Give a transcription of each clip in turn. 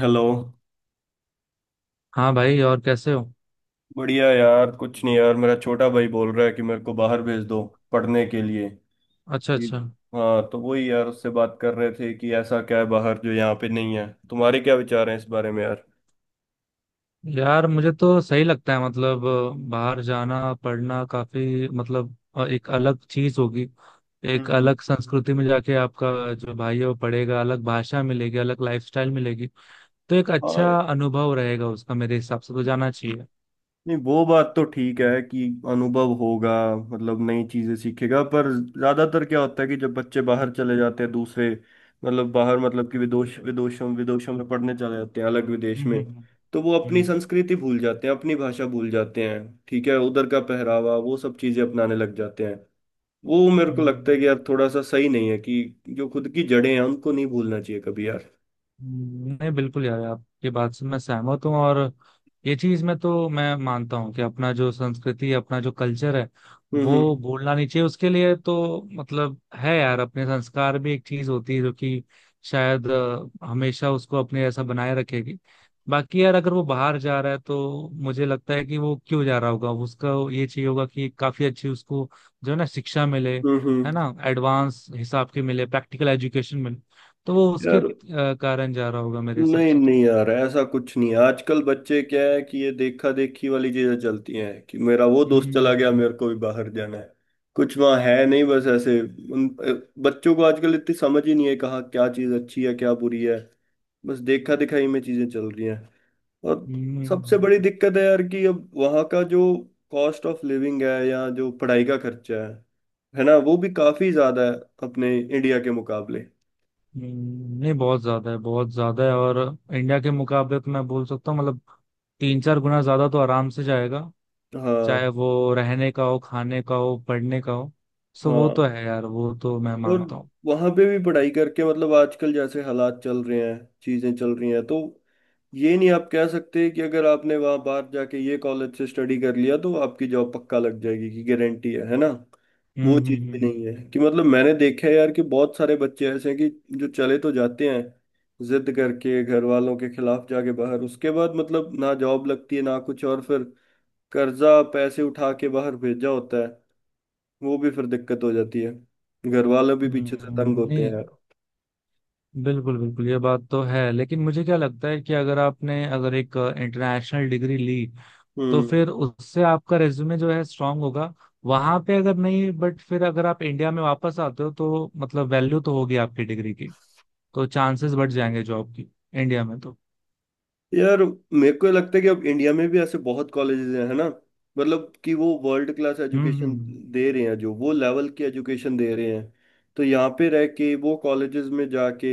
Hello. हाँ भाई, और कैसे हो? बढ़िया यार, कुछ नहीं यार, मेरा छोटा भाई बोल रहा है कि मेरे को बाहर भेज दो पढ़ने के लिए। अच्छा कि- अच्छा। हाँ तो वही यार, उससे बात कर रहे थे कि ऐसा क्या है बाहर जो यहाँ पे नहीं है। तुम्हारे क्या विचार हैं इस बारे में यार? यार मुझे तो सही लगता है, मतलब बाहर जाना पढ़ना काफी मतलब एक अलग चीज होगी। हम्म एक हम्म। अलग संस्कृति में जाके आपका जो भाई है वो पढ़ेगा, अलग भाषा मिलेगी, अलग लाइफस्टाइल मिलेगी। तो एक हाँ अच्छा यार। अनुभव रहेगा उसका, मेरे हिसाब से तो जाना चाहिए। नहीं, वो बात तो ठीक है कि अनुभव होगा, मतलब नई चीजें सीखेगा। पर ज्यादातर क्या होता है कि जब बच्चे बाहर चले जाते हैं दूसरे, मतलब बाहर मतलब कि विदेश विदेशों विदेशों में पढ़ने चले जाते हैं अलग विदेश में, हम्म। तो वो अपनी हम्म संस्कृति भूल जाते हैं, अपनी भाषा भूल जाते हैं। ठीक है, उधर का पहरावा वो सब चीजें अपनाने लग जाते हैं। वो मेरे को हम्म। लगता है हम्म। कि यार थोड़ा सा सही नहीं है, कि जो खुद की जड़ें हैं उनको नहीं भूलना चाहिए कभी यार। नहीं बिल्कुल यार, आपकी बात से मैं सहमत हूँ। और ये चीज में तो मैं मानता हूँ कि अपना जो संस्कृति अपना जो कल्चर है हम्म, वो हम्म, भूलना नहीं चाहिए। उसके लिए तो मतलब है यार, अपने संस्कार भी एक चीज होती है जो कि शायद हमेशा उसको अपने ऐसा बनाए रखेगी। बाकी यार, अगर वो बाहर जा रहा है तो मुझे लगता है कि वो क्यों जा रहा होगा, उसका ये चाहिए होगा कि काफी अच्छी उसको जो है ना शिक्षा मिले, हम्म, हम्म, है ना, एडवांस हिसाब की मिले, प्रैक्टिकल एजुकेशन मिले। तो वो उसके यार। कारण जा रहा होगा, मेरे हिसाब नहीं से तो। नहीं यार, ऐसा कुछ नहीं है। आजकल बच्चे क्या है कि ये देखा देखी वाली चीजें चलती हैं, कि मेरा वो दोस्त चला गया हम्म मेरे को भी बाहर जाना है। कुछ वहाँ है नहीं, बस ऐसे। उन बच्चों को आजकल इतनी समझ ही नहीं है कहाँ क्या चीज अच्छी है क्या बुरी है, बस देखा दिखाई में चीजें चल रही हैं। और सबसे हम्म। बड़ी दिक्कत है यार कि अब वहाँ का जो कॉस्ट ऑफ लिविंग है या जो पढ़ाई का खर्चा है ना, वो भी काफी ज्यादा है अपने इंडिया के मुकाबले। हम्म। नहीं बहुत ज्यादा है, बहुत ज्यादा है। और इंडिया के मुकाबले तो मैं बोल सकता हूँ मतलब तीन चार गुना ज्यादा तो आराम से जाएगा, हाँ चाहे वो रहने का हो, खाने का हो, पढ़ने का हो। सो वो हाँ। तो है यार, वो तो मैं और मानता हूँ। वहां पे भी पढ़ाई करके मतलब आजकल जैसे हालात चल रहे हैं चीजें चल रही हैं, तो ये नहीं आप कह सकते कि अगर आपने वहां बाहर जाके ये कॉलेज से स्टडी कर लिया तो आपकी जॉब पक्का लग जाएगी, कि गारंटी है ना। हम्म वो चीज भी हम्म नहीं है, कि मतलब मैंने देखा है यार कि बहुत सारे बच्चे ऐसे हैं कि जो चले तो जाते हैं जिद करके घर वालों के खिलाफ जाके बाहर, उसके बाद मतलब ना जॉब लगती है ना कुछ, और फिर कर्जा पैसे उठा के बाहर भेजा होता है, वो भी फिर दिक्कत हो जाती है। घर वाले भी हम्म। पीछे से तंग हम्म। होते हैं नहीं यार। बिल्कुल बिल्कुल, ये बात तो है। लेकिन मुझे क्या लगता है कि अगर आपने अगर एक इंटरनेशनल डिग्री ली तो हम्म फिर उससे आपका रेज्यूमे जो है स्ट्रांग होगा। वहां पे अगर नहीं, बट फिर अगर आप इंडिया में वापस आते हो तो मतलब वैल्यू तो होगी आपकी डिग्री की। तो चांसेस बढ़ जाएंगे जॉब की इंडिया में तो। यार, मेरे को ये लगता है कि अब इंडिया में भी ऐसे बहुत कॉलेजेस हैं, है ना, मतलब कि वो world class hmm education hmm दे रहे हैं, जो वो लेवल की एजुकेशन दे रहे हैं। तो यहाँ पे रह के वो कॉलेजेस में जाके,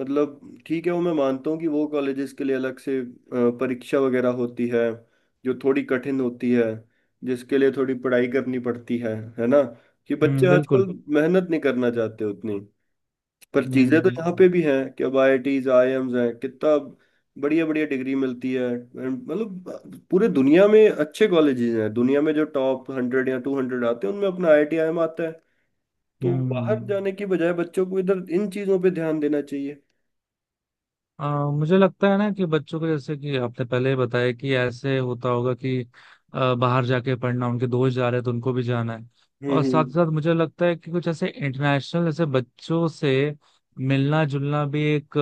मतलब ठीक है, वो मैं मानता हूँ कि वो कॉलेजेस के लिए अलग से परीक्षा वगैरह होती है, जो थोड़ी कठिन होती है, जिसके लिए थोड़ी पढ़ाई करनी पड़ती है ना। कि बच्चे हम्म। आजकल बिल्कुल। मेहनत नहीं करना चाहते उतनी। पर चीजें तो यहाँ हम्म पे भी हैं कि अब आईआईटीज आईआईएम्स हैं, कितना बढ़िया बढ़िया डिग्री मिलती है। And मतलब पूरे दुनिया में अच्छे कॉलेजेस हैं, दुनिया में जो टॉप 100 या 200 आते हैं उनमें अपना आईआईटी आईआईएम आता है। तो हम्म बाहर हम्म। जाने की बजाय बच्चों को इधर इन चीजों पे ध्यान देना चाहिए। मुझे लगता है ना कि बच्चों को, जैसे कि आपने पहले ही बताया कि ऐसे होता होगा कि बाहर जाके पढ़ना, उनके दोस्त जा रहे हैं तो उनको भी जाना है। और हम्म, साथ साथ मुझे लगता है कि कुछ ऐसे इंटरनेशनल ऐसे बच्चों से मिलना जुलना भी एक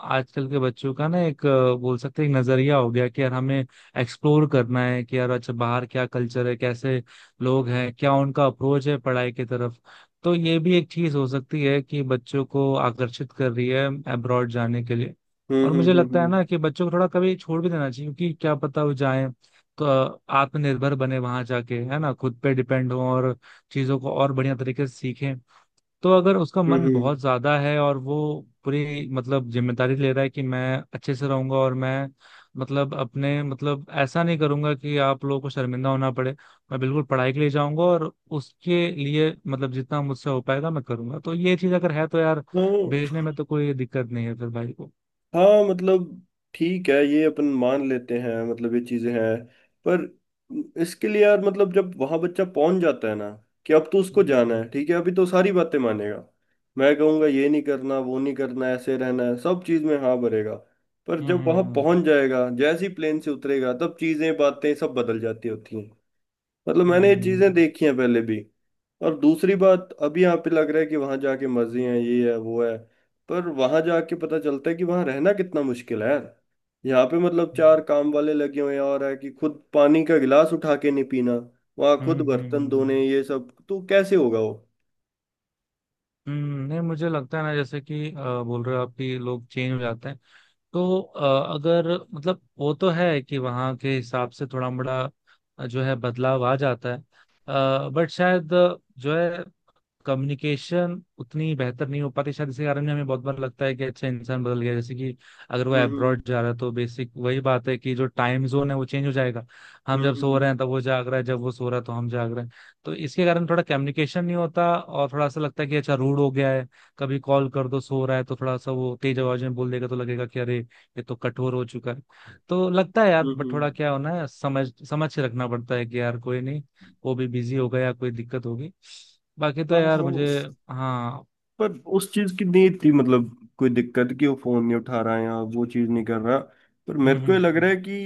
आजकल के बच्चों का ना एक, बोल सकते हैं एक नजरिया हो गया कि यार हमें एक्सप्लोर करना है कि यार अच्छा बाहर क्या कल्चर है, कैसे लोग हैं, क्या उनका अप्रोच है पढ़ाई की तरफ। तो ये भी एक चीज हो सकती है कि बच्चों को आकर्षित कर रही है अब्रॉड जाने के लिए। हम्म, और मुझे हम्म, लगता है हम्म, ना कि बच्चों को थोड़ा कभी छोड़ भी देना चाहिए, क्योंकि क्या पता वो जाए तो आत्मनिर्भर बने वहां जाके, है ना, खुद पे डिपेंड हो और चीजों को और बढ़िया तरीके से सीखें। तो अगर उसका हम्म, मन हम्म, बहुत ज्यादा है और वो पूरी मतलब जिम्मेदारी ले रहा है कि मैं अच्छे से रहूंगा और मैं मतलब अपने मतलब ऐसा नहीं करूंगा कि आप लोगों को शर्मिंदा होना पड़े, मैं बिल्कुल पढ़ाई के लिए जाऊंगा और उसके लिए मतलब जितना मुझसे हो पाएगा मैं करूंगा, तो ये चीज अगर है तो यार हम्म, हम्म। भेजने में तो कोई दिक्कत नहीं है फिर भाई को। हाँ मतलब ठीक है, ये अपन मान लेते हैं, मतलब ये चीजें हैं। पर इसके लिए यार, मतलब जब वहां बच्चा पहुंच जाता है ना, कि अब तो उसको जाना हम्म। है ठीक है, अभी तो सारी बातें मानेगा। मैं कहूँगा ये नहीं करना वो नहीं करना ऐसे रहना है, सब चीज में हाँ भरेगा। पर हम्म जब वहां हम्म पहुंच जाएगा, जैसे ही प्लेन से उतरेगा, तब चीजें बातें सब बदल जाती होती हैं, मतलब मैंने ये चीजें हम्म देखी हैं पहले भी। और दूसरी बात, अभी यहाँ पे लग रहा है कि वहां जाके मजे हैं, ये है वो है, पर वहां जाके पता चलता है कि वहां रहना कितना मुश्किल है यार। यहाँ पे मतलब चार काम वाले लगे हुए हैं और है कि खुद पानी का गिलास उठा के नहीं पीना, वहां हम्म। खुद हम्म हम्म बर्तन धोने हम्म। ये सब तो कैसे होगा वो। हम्म। नहीं मुझे लगता है ना, जैसे कि बोल रहे हो आप कि लोग चेंज हो जाते हैं तो अगर मतलब वो तो है कि वहाँ के हिसाब से थोड़ा बड़ा जो है बदलाव आ जाता है। बट शायद जो है कम्युनिकेशन उतनी बेहतर नहीं हो पाती, शायद इसी कारण हमें बहुत बार लगता है कि अच्छा इंसान बदल गया। जैसे कि अगर वो हम्म, हम्म, अब्रॉड जा रहा है तो बेसिक वही बात है कि जो टाइम जोन है वो चेंज हो जाएगा। हम जब सो हम्म, रहे हैं तब वो जाग रहा है, जब वो सो रहा है तो हम जाग रहे हैं। तो इसके कारण थोड़ा कम्युनिकेशन नहीं होता और थोड़ा सा लगता है कि अच्छा रूड हो गया है। कभी कॉल कर दो सो रहा है तो थोड़ा सा वो तेज आवाज में बोल देगा तो लगेगा कि अरे ये तो कठोर हो चुका है। तो लगता है यार, हम्म, बट थोड़ा क्या होना है समझ समझ के रखना पड़ता है कि यार कोई नहीं, वो भी बिजी होगा या कोई दिक्कत होगी। बाकी तो हाँ यार हाँ। मुझे, हाँ। पर उस चीज की नहीं थी मतलब कोई दिक्कत, कि वो फोन नहीं उठा रहा है या वो चीज नहीं कर रहा। पर मेरे हम्म को ये लग हम्म रहा है कि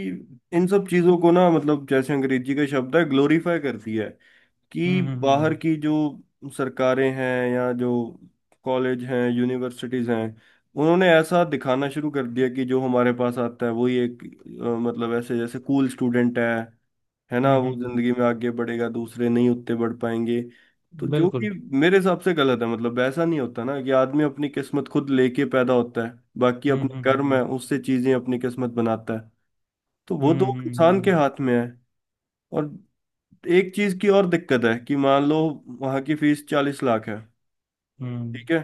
इन सब चीजों को ना, मतलब जैसे अंग्रेजी का शब्द है, ग्लोरीफाई करती है। कि हम्म। बाहर की जो सरकारें हैं या जो कॉलेज हैं यूनिवर्सिटीज हैं, उन्होंने ऐसा दिखाना शुरू कर दिया कि जो हमारे पास आता है वही एक मतलब ऐसे जैसे कूल स्टूडेंट है ना, हम्म। वो हम्म हम्म। जिंदगी में आगे बढ़ेगा, दूसरे नहीं उतने बढ़ पाएंगे। तो जो बिल्कुल। कि मेरे हिसाब से गलत है, मतलब ऐसा नहीं होता ना कि आदमी अपनी किस्मत खुद लेके पैदा होता है। बाकी हम्म अपने हम्म कर्म है, हम्म उससे चीजें अपनी किस्मत बनाता है, तो वो तो इंसान के हम्म। हाथ में है। और एक चीज की और दिक्कत है कि मान लो वहां की फीस 40 लाख है। हम्म। ठीक है,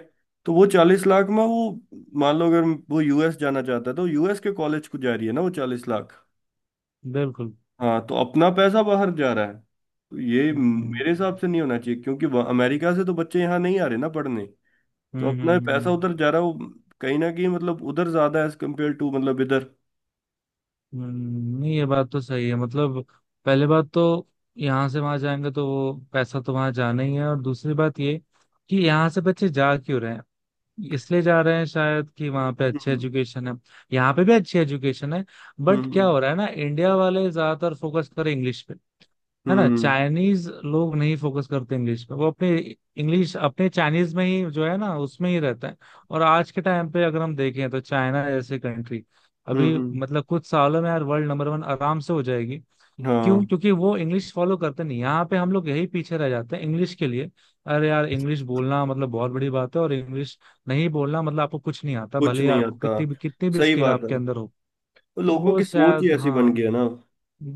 तो वो 40 लाख में वो, मान लो अगर वो यूएस जाना चाहता है तो यूएस के कॉलेज को जा रही है ना वो 40 लाख। बिल्कुल। हाँ, तो अपना पैसा बाहर जा रहा है। तो ये मेरे हम्म हिसाब से नहीं होना चाहिए क्योंकि अमेरिका से तो बच्चे यहाँ नहीं आ रहे ना पढ़ने। तो हम्म अपना हम्म पैसा हम्म। उधर जा रहा है वो, कहीं ना कहीं मतलब उधर ज्यादा है एज कम्पेयर टू मतलब इधर। हम्म। नहीं ये बात तो सही है, मतलब पहले बात तो यहाँ से वहां जाएंगे तो वो पैसा तो वहां जाना ही है। और दूसरी बात ये कि यहाँ से बच्चे जा क्यों रहे हैं? इसलिए जा रहे हैं शायद कि वहां पे अच्छे हम्म, एजुकेशन है। यहाँ पे भी अच्छी एजुकेशन है, हम्म, बट क्या हम्म, हो रहा है ना, इंडिया वाले ज्यादातर फोकस कर रहे हैं इंग्लिश पे। है ना, हम्म, चाइनीज लोग नहीं फोकस करते इंग्लिश पे, वो अपने इंग्लिश अपने चाइनीज में ही जो है ना उसमें ही रहता है। और आज के टाइम पे अगर हम देखें तो चाइना जैसे कंट्री हम्म, अभी हम्म। मतलब कुछ सालों में यार वर्ल्ड नंबर वन आराम से हो जाएगी। क्यों? हाँ क्योंकि वो इंग्लिश फॉलो करते नहीं। यहाँ पे हम लोग यही पीछे रह जाते हैं इंग्लिश के लिए। अरे यार इंग्लिश बोलना मतलब बहुत बड़ी बात है, और इंग्लिश नहीं बोलना मतलब आपको कुछ नहीं आता, कुछ भले ही नहीं आपको आता, कितनी भी सही स्किल बात है। आपके अंदर हो। तो तो लोगों वो की सोच ही शायद, ऐसी बन गई हाँ है ना।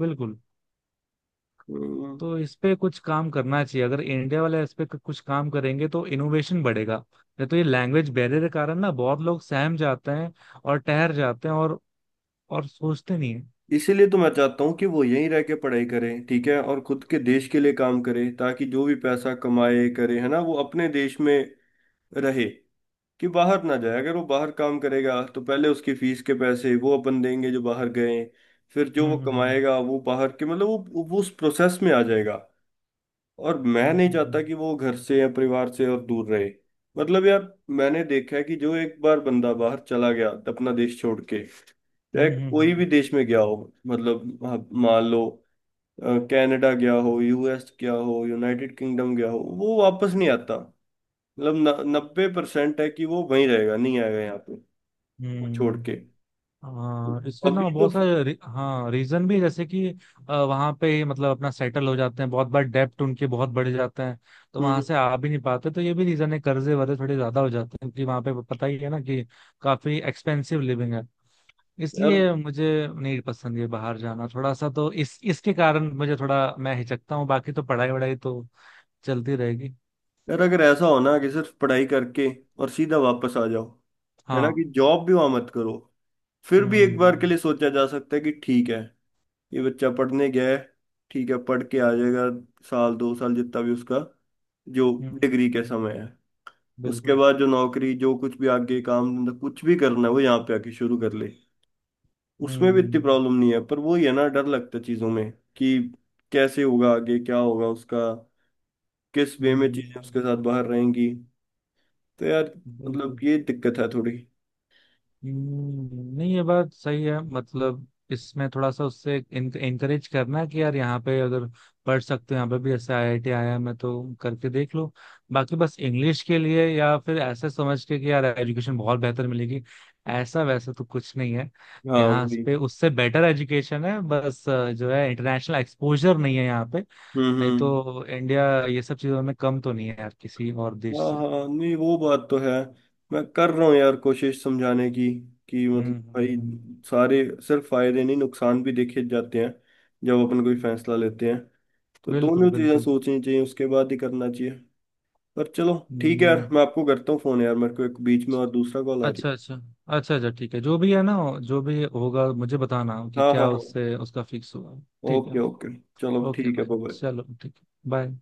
बिल्कुल। हम्म। तो इस पे कुछ काम करना चाहिए, अगर इंडिया वाले इस पे कुछ काम करेंगे तो इनोवेशन बढ़ेगा। नहीं तो ये लैंग्वेज बैरियर के कारण ना बहुत लोग सहम जाते हैं और ठहर जाते हैं और सोचते नहीं है। इसीलिए तो मैं चाहता हूँ कि वो यहीं रह के पढ़ाई करें, ठीक है, और खुद के देश के लिए काम करे, ताकि जो भी पैसा कमाए करे, है ना, वो अपने देश में रहे। कि बाहर ना जाए। अगर वो बाहर काम करेगा तो पहले उसकी फीस के पैसे वो अपन देंगे जो बाहर गए, फिर जो वो हम्म कमाएगा वो बाहर के मतलब वो उस प्रोसेस में आ जाएगा। और मैं हम्म नहीं हम्म चाहता कि वो घर से या परिवार से और दूर रहे, मतलब यार, मैंने देखा है कि जो एक बार बंदा बाहर चला गया अपना देश छोड़ के, चाहे कोई भी हम्म। देश में गया हो, मतलब आप मान लो अ, कनाडा गया हो, यूएस गया हो, यूनाइटेड किंगडम गया हो, वो वापस नहीं आता। मतलब 90% है कि वो वहीं रहेगा, नहीं आएगा यहाँ, वो हम्म। छोड़ के। हम्म। हाँ इसके ना अभी तो बहुत सारे हाँ रीजन भी है, जैसे कि वहां पे मतलब अपना सेटल हो जाते हैं, बहुत बार डेप्ट उनके बहुत बढ़ जाते हैं तो वहां हम्म, से आ भी नहीं पाते। तो ये भी रीजन है, कर्जे वर्जे थोड़े ज्यादा हो जाते हैं, क्योंकि वहां पे पता ही है ना कि काफी एक्सपेंसिव लिविंग है। यार, इसलिए मुझे नहीं पसंद है बाहर जाना थोड़ा सा, तो इस इसके कारण मुझे थोड़ा मैं हिचकता हूँ, बाकी तो पढ़ाई वढ़ाई तो चलती रहेगी। अगर ऐसा हो ना कि सिर्फ पढ़ाई करके और सीधा वापस आ जाओ, है ना, कि हाँ। जॉब भी वहां मत करो, फिर भी एक बार के हम्म लिए सोचा जा सकता है कि ठीक है, ये बच्चा पढ़ने गया है, ठीक है पढ़ के आ जाएगा, साल दो साल जितना भी उसका जो हम्म। डिग्री का समय है, उसके बिल्कुल। बाद जो नौकरी जो कुछ भी आगे काम धंधा कुछ भी करना है वो यहाँ पे आके शुरू कर ले। उसमें भी इतनी हम्म प्रॉब्लम नहीं है, पर वही है ना, डर लगता है चीजों में कि कैसे होगा, आगे क्या होगा उसका, किस वे में चीजें उसके हम्म। साथ बाहर रहेंगी। तो यार मतलब बिल्कुल। ये दिक्कत है थोड़ी। हम्म। नहीं ये बात सही है, मतलब इसमें थोड़ा सा उससे इंकरेज करना कि यार यहाँ पे अगर पढ़ सकते हो, यहाँ पे भी ऐसे आईआईटी आया मैं तो, करके देख लो। बाकी बस इंग्लिश के लिए या फिर ऐसे समझ के कि यार एजुकेशन बहुत बेहतर मिलेगी, ऐसा वैसा तो कुछ नहीं है। हाँ यहाँ वही। पे उससे बेटर एजुकेशन है, बस जो है इंटरनेशनल एक्सपोजर नहीं है यहाँ पे। नहीं हम्म। तो इंडिया ये सब चीजों में कम तो नहीं है यार किसी और देश हाँ से। हाँ, नहीं वो बात तो है। मैं कर रहा हूँ यार कोशिश समझाने की, कि मतलब हम्म। भाई सारे, सिर्फ फायदे नहीं नुकसान भी देखे जाते हैं, जब अपन कोई फैसला लेते हैं, तो बिल्कुल दोनों चीजें बिल्कुल। सोचनी चाहिए उसके बाद ही करना चाहिए। पर चलो ठीक है यार, हम्म। मैं आपको करता हूँ फोन यार, मेरे को एक बीच में और दूसरा कॉल आ रही अच्छा है। अच्छा। अच्छा अच्छा ठीक है। जो भी है ना, जो भी होगा मुझे बताना कि हाँ हाँ क्या हाँ। उससे उसका फिक्स हुआ। ठीक ओके है। ओके। चलो ओके ठीक है, भाई, बाय। चलो ठीक है, बाय।